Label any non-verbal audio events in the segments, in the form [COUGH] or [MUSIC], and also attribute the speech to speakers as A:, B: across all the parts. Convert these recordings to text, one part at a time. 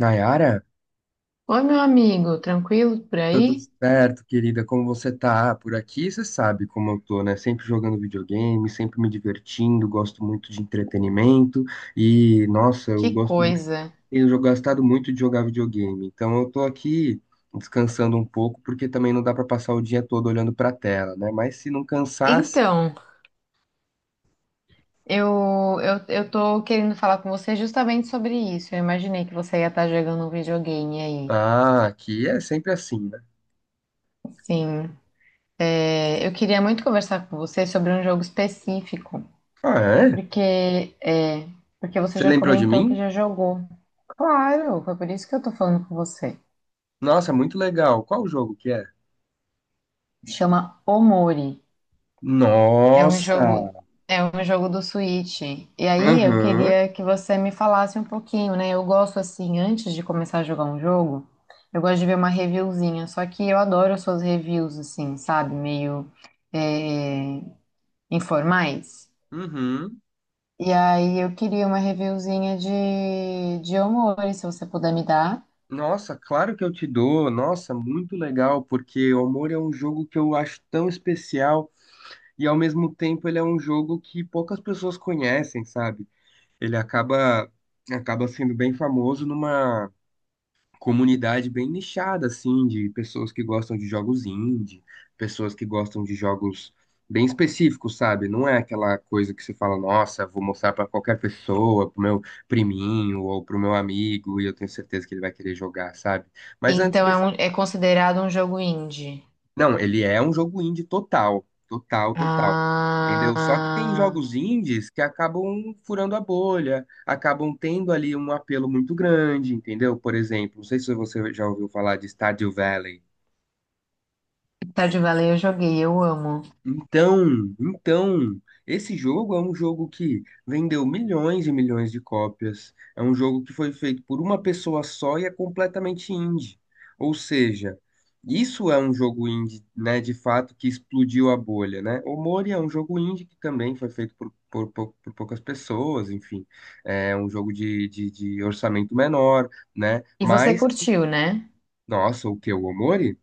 A: Nayara,
B: Oi, meu amigo, tranquilo por
A: tudo
B: aí?
A: certo, querida? Como você tá? Por aqui, você sabe como eu tô, né? Sempre jogando videogame, sempre me divertindo, gosto muito de entretenimento e, nossa, eu
B: Que
A: gosto muito,
B: coisa.
A: tenho gostado muito de jogar videogame. Então eu tô aqui descansando um pouco, porque também não dá pra passar o dia todo olhando pra tela, né? Mas se não cansasse,
B: Então, eu tô querendo falar com você justamente sobre isso. Eu imaginei que você ia estar jogando um videogame aí.
A: ah, aqui é sempre assim, né?
B: Sim, é, eu queria muito conversar com você sobre um jogo específico,
A: Ah, é?
B: porque é, porque você
A: Você
B: já
A: lembrou de
B: comentou que
A: mim?
B: já jogou. Claro, foi por isso que eu tô falando com você.
A: Nossa, muito legal. Qual o jogo que é?
B: Chama Omori. É um
A: Nossa!
B: jogo, é um jogo do Switch. E aí eu
A: Aham.
B: queria que você me falasse um pouquinho, né? Eu gosto assim, antes de começar a jogar um jogo, eu gosto de ver uma reviewzinha. Só que eu adoro as suas reviews, assim, sabe? Meio é, informais.
A: Uhum.
B: E aí eu queria uma reviewzinha de Omori, se você puder me dar.
A: Nossa, claro que eu te dou. Nossa, muito legal, porque o Amor é um jogo que eu acho tão especial e ao mesmo tempo ele é um jogo que poucas pessoas conhecem, sabe? Ele acaba sendo bem famoso comunidade bem nichada, assim, de pessoas que gostam de jogos indie, pessoas que gostam de jogos bem específicos, sabe? Não é aquela coisa que você fala, nossa, vou mostrar pra qualquer pessoa, pro meu priminho ou pro meu amigo, e eu tenho certeza que ele vai querer jogar, sabe? Mas antes
B: Então
A: me
B: é,
A: fala
B: é considerado um jogo indie.
A: não, ele é um jogo indie total, total, total. Entendeu? Só que tem
B: Ah,
A: jogos indies que acabam furando a bolha, acabam tendo ali um apelo muito grande, entendeu? Por exemplo, não sei se você já ouviu falar de Stardew Valley.
B: Stardew Valley eu joguei, eu amo.
A: Então, esse jogo é um jogo que vendeu milhões e milhões de cópias. É um jogo que foi feito por uma pessoa só e é completamente indie. Ou seja, isso é um jogo indie, né, de fato, que explodiu a bolha, né? O Mori é um jogo indie que também foi feito por poucas pessoas, enfim. É um jogo de orçamento menor, né?
B: E você
A: Mas,
B: curtiu, né?
A: nossa, o que? O Omori?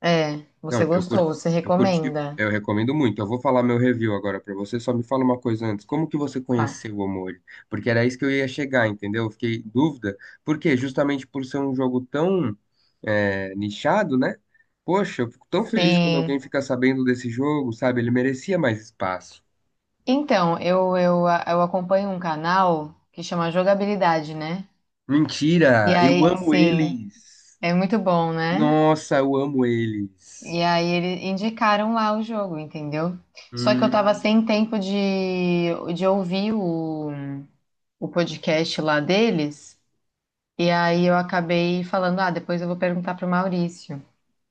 B: É, você
A: Não, eu curti,
B: gostou, você
A: eu curti,
B: recomenda.
A: eu recomendo muito. Eu vou falar meu review agora pra você, só me fala uma coisa antes. Como que você
B: Tá.
A: conheceu o Omori? Porque era isso que eu ia chegar, entendeu? Eu fiquei em dúvida. Por quê? Justamente por ser um jogo tão nichado, né? Poxa, eu fico tão feliz quando
B: Sim.
A: alguém fica sabendo desse jogo, sabe? Ele merecia mais espaço.
B: Então, eu acompanho um canal que chama Jogabilidade, né? E
A: Mentira! Eu
B: aí,
A: amo
B: sim,
A: eles!
B: é muito bom, né?
A: Nossa, eu amo eles!
B: E aí eles indicaram lá o jogo, entendeu? Só que eu tava
A: Hum.
B: sem tempo de ouvir o podcast lá deles. E aí eu acabei falando, ah, depois eu vou perguntar pro Maurício.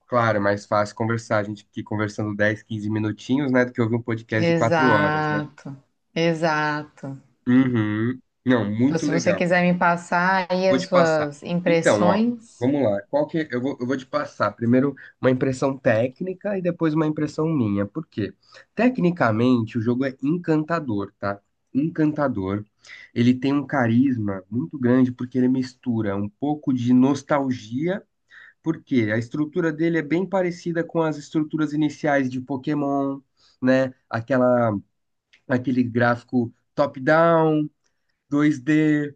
A: Claro, é mais fácil conversar. A gente aqui conversando 10, 15 minutinhos, né? Do que ouvir um podcast de 4 horas, né?
B: Exato, exato.
A: Uhum. Não,
B: Então,
A: muito
B: se você
A: legal.
B: quiser me passar aí
A: Vou
B: as
A: te passar.
B: suas
A: Então, ó,
B: impressões,
A: vamos lá. Qual que é, eu vou te passar primeiro uma impressão técnica e depois uma impressão minha. Por quê? Tecnicamente, o jogo é encantador, tá? Encantador. Ele tem um carisma muito grande porque ele mistura um pouco de nostalgia. Por quê? A estrutura dele é bem parecida com as estruturas iniciais de Pokémon, né? Aquele gráfico top-down, 2D,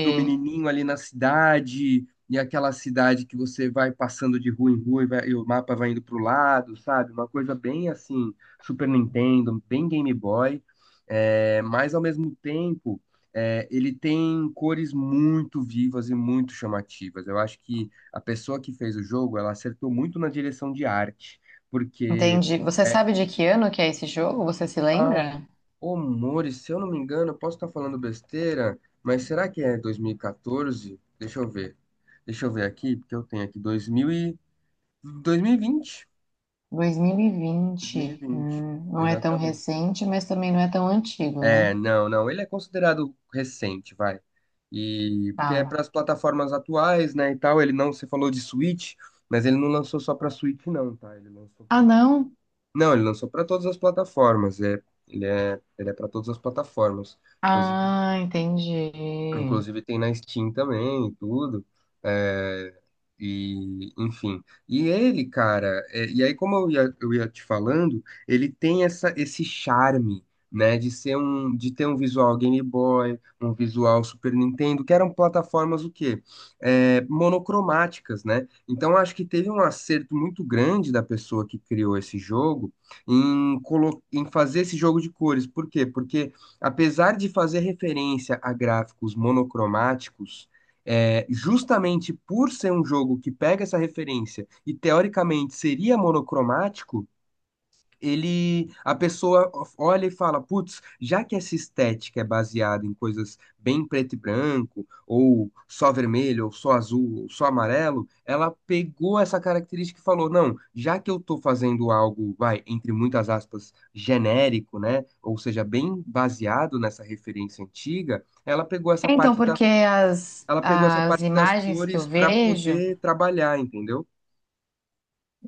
A: do menininho ali na cidade, e aquela cidade que você vai passando de rua em rua e, e o mapa vai indo pro lado, sabe? Uma coisa bem assim, Super Nintendo, bem Game Boy, mas ao mesmo tempo. Ele tem cores muito vivas e muito chamativas. Eu acho que a pessoa que fez o jogo, ela acertou muito na direção de arte, porque
B: Entendi. Você
A: é,
B: sabe de que ano que é esse jogo? Você se
A: ah,
B: lembra?
A: ô, Mori, se eu não me engano, eu posso estar falando besteira, mas será que é 2014? Deixa eu ver. Deixa eu ver aqui, porque eu tenho aqui 2000 e... 2020.
B: 2020.
A: 2020,
B: Não é tão
A: exatamente.
B: recente, mas também não é tão antigo,
A: É,
B: né?
A: não, não, ele é considerado recente, vai. E porque é
B: Tá.
A: para as plataformas atuais, né, e tal, ele não, você falou de Switch, mas ele não lançou só para Switch não, tá? Ele lançou para
B: Ah, não?
A: não, ele lançou para todas as plataformas, ele é para todas as plataformas. Inclusive
B: Ah, entendi.
A: Tem na Steam também e tudo. É, e, enfim. E ele, cara, e aí, como eu ia te falando, ele tem esse charme, né, de ser um, de ter um visual Game Boy, um visual Super Nintendo, que eram plataformas o quê? É, monocromáticas, né? Então acho que teve um acerto muito grande da pessoa que criou esse jogo em, colo em fazer esse jogo de cores. Por quê? Porque apesar de fazer referência a gráficos monocromáticos, justamente por ser um jogo que pega essa referência e teoricamente seria monocromático, ele, a pessoa olha e fala, putz, já que essa estética é baseada em coisas bem preto e branco, ou só vermelho, ou só azul, ou só amarelo, ela pegou essa característica e falou, não, já que eu tô fazendo algo, vai, entre muitas aspas, genérico, né? Ou seja, bem baseado nessa referência antiga,
B: Então, porque
A: ela pegou essa
B: as
A: parte das
B: imagens que eu
A: cores para
B: vejo
A: poder trabalhar, entendeu?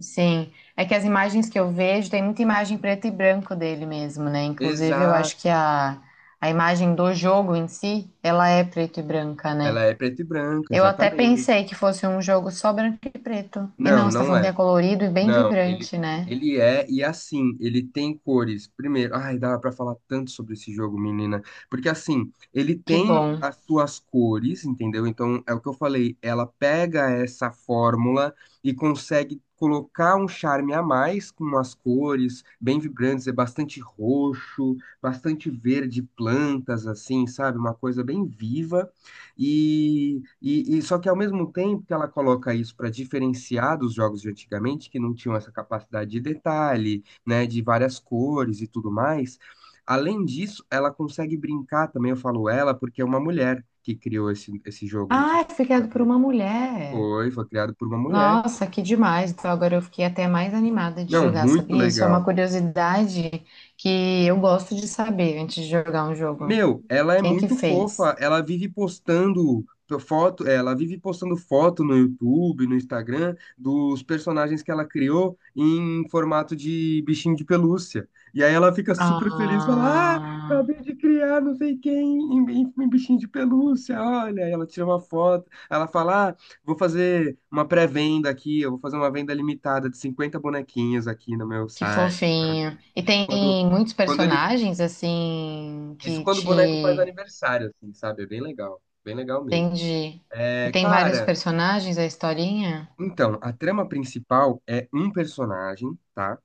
B: sim, é que as imagens que eu vejo, tem muita imagem preto e branco dele mesmo, né? Inclusive, eu
A: Exato.
B: acho que a imagem do jogo em si, ela é preto e branca, né?
A: Ela é preto e branco,
B: Eu até
A: exatamente.
B: pensei que fosse um jogo só branco e preto. E
A: Não,
B: não, você tá
A: não
B: falando que é
A: é.
B: colorido e bem
A: Não,
B: vibrante, né?
A: e é assim, ele tem cores. Primeiro, ai, dava pra falar tanto sobre esse jogo, menina. Porque assim, ele
B: Que
A: tem
B: bom.
A: as suas cores, entendeu? Então, é o que eu falei, ela pega essa fórmula e consegue colocar um charme a mais com as cores bem vibrantes, é bastante roxo, bastante verde, plantas, assim, sabe? Uma coisa bem viva. E só que ao mesmo tempo que ela coloca isso para diferenciar dos jogos de antigamente, que não tinham essa capacidade de detalhe, né, de várias cores e tudo mais, além disso, ela consegue brincar também, eu falo ela, porque é uma mulher que criou esse jogo, não sei se
B: Ah, foi
A: você
B: criado por
A: sabia.
B: uma mulher.
A: Foi criado por uma mulher.
B: Nossa, que demais. Então agora eu fiquei até mais animada de
A: Não,
B: jogar,
A: muito
B: sabia? Isso é uma
A: legal.
B: curiosidade que eu gosto de saber antes de jogar um jogo.
A: Meu, ela é
B: Quem que
A: muito
B: fez?
A: fofa, ela vive postando foto no YouTube, no Instagram, dos personagens que ela criou em formato de bichinho de pelúcia. E aí ela fica super feliz, fala, ah,
B: Ah,
A: acabei de criar não sei quem em bichinho de pelúcia, olha, aí ela tira uma foto, ela fala, ah, vou fazer uma pré-venda aqui, eu vou fazer uma venda limitada de 50 bonequinhos aqui no meu
B: que
A: site, sabe?
B: fofinho. E
A: Isso
B: tem
A: quando...
B: muitos
A: Quando ele
B: personagens assim
A: isso
B: que
A: quando o boneco faz
B: te
A: aniversário, assim, sabe? É bem legal. Bem legal mesmo.
B: entendi. E
A: É,
B: tem vários
A: cara,
B: personagens a historinha?
A: então, a trama principal é um personagem, tá?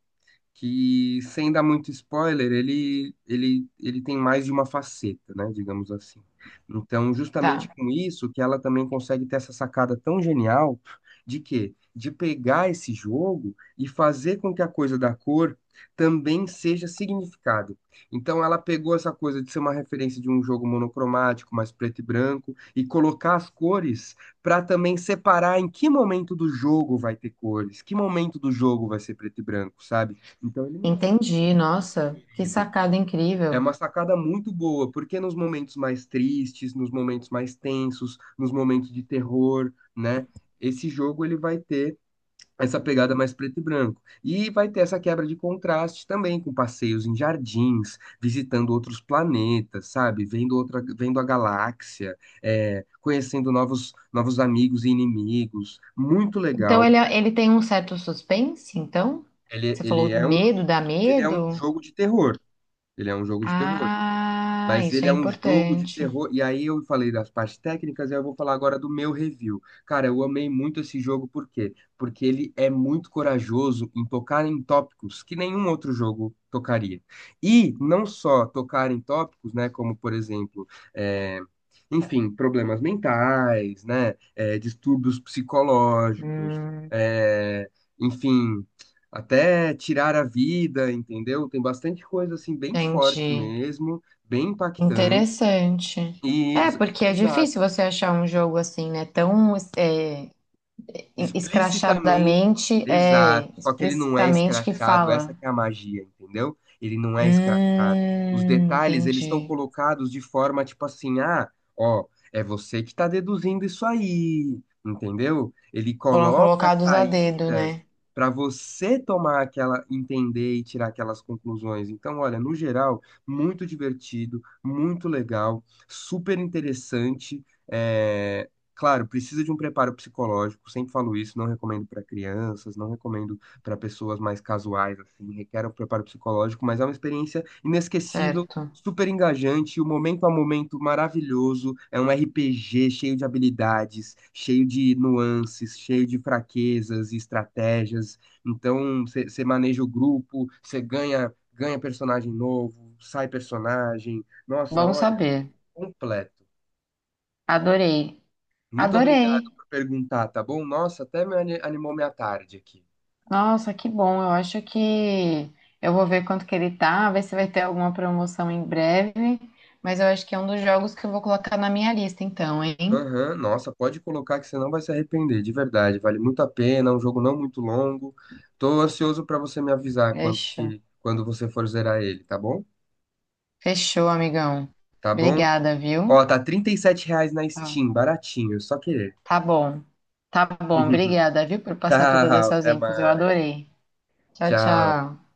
A: Que, sem dar muito spoiler, ele tem mais de uma faceta, né, digamos assim. Então, justamente
B: Tá,
A: com isso, que ela também consegue ter essa sacada tão genial de quê? De pegar esse jogo e fazer com que a coisa da cor também seja significado. Então, ela pegou essa coisa de ser uma referência de um jogo monocromático, mais preto e branco, e colocar as cores para também separar em que momento do jogo vai ter cores, que momento do jogo vai ser preto e branco, sabe? Então ele não é
B: entendi. Nossa, que
A: querido.
B: sacada
A: É
B: incrível.
A: uma sacada muito boa, porque nos momentos mais tristes, nos momentos mais tensos, nos momentos de terror, né? Esse jogo ele vai ter essa pegada mais preto e branco. E vai ter essa quebra de contraste também com passeios em jardins, visitando outros planetas, sabe? Vendo outra, vendo a galáxia, conhecendo novos amigos e inimigos. Muito
B: Então
A: legal.
B: ele, é, ele tem um certo suspense, então?
A: Ele,
B: Você
A: ele
B: falou
A: é um,
B: medo, dá
A: ele é um
B: medo?
A: jogo de terror. Ele é um jogo de terror.
B: Ah,
A: Mas
B: isso
A: ele
B: é
A: é um jogo de
B: importante.
A: terror. E aí eu falei das partes técnicas, e eu vou falar agora do meu review. Cara, eu amei muito esse jogo, por quê? Porque ele é muito corajoso em tocar em tópicos que nenhum outro jogo tocaria. E não só tocar em tópicos, né? Como, por exemplo, é, enfim, problemas mentais, né? Distúrbios psicológicos,
B: Hum,
A: é, enfim. Até tirar a vida, entendeu? Tem bastante coisa assim bem forte
B: entendi.
A: mesmo, bem impactante.
B: Interessante. É, porque é
A: Exato.
B: difícil você achar um jogo assim, né? Tão é,
A: Explicitamente,
B: escrachadamente,
A: exato.
B: é,
A: Só que ele não é
B: explicitamente que
A: escrachado,
B: fala.
A: essa que é a magia, entendeu? Ele não é escrachado. Os detalhes, eles estão
B: Entendi.
A: colocados de forma tipo assim, ah, ó, é você que está deduzindo isso aí, entendeu? Ele
B: Foram
A: coloca
B: colocados a dedo,
A: saídas
B: né?
A: para você tomar aquela, entender e tirar aquelas conclusões. Então, olha, no geral, muito divertido, muito legal, super interessante. eh, Claro, precisa de um preparo psicológico, sempre falo isso, não recomendo para crianças, não recomendo para pessoas mais casuais, assim, requer um preparo psicológico, mas é uma experiência inesquecível,
B: Certo.
A: super engajante, o momento a momento maravilhoso, é um RPG cheio de habilidades, cheio de nuances, cheio de fraquezas e estratégias, então você maneja o grupo, você ganha personagem novo, sai personagem, nossa,
B: Bom
A: olha,
B: saber.
A: completo.
B: Adorei.
A: Muito
B: Adorei.
A: obrigado por perguntar, tá bom? Nossa, até me animou minha tarde aqui.
B: Nossa, que bom. Eu acho que eu vou ver quanto que ele tá, ver se vai ter alguma promoção em breve. Mas eu acho que é um dos jogos que eu vou colocar na minha lista, então, hein?
A: Aham, nossa, pode colocar que você não vai se arrepender, de verdade. Vale muito a pena, é um jogo não muito longo. Tô ansioso pra você me avisar quanto
B: Fechou.
A: que quando você for zerar ele, tá bom?
B: Fechou, amigão.
A: Tá bom?
B: Obrigada, viu?
A: Ó, tá R$ 37 na
B: Tá
A: Steam, baratinho, só querer.
B: tá bom. Tá bom,
A: [LAUGHS]
B: obrigada, viu, por passar todas
A: Tchau,
B: essas
A: até
B: infos. Eu
A: mais.
B: adorei. Tchau,
A: Tchau.
B: tchau.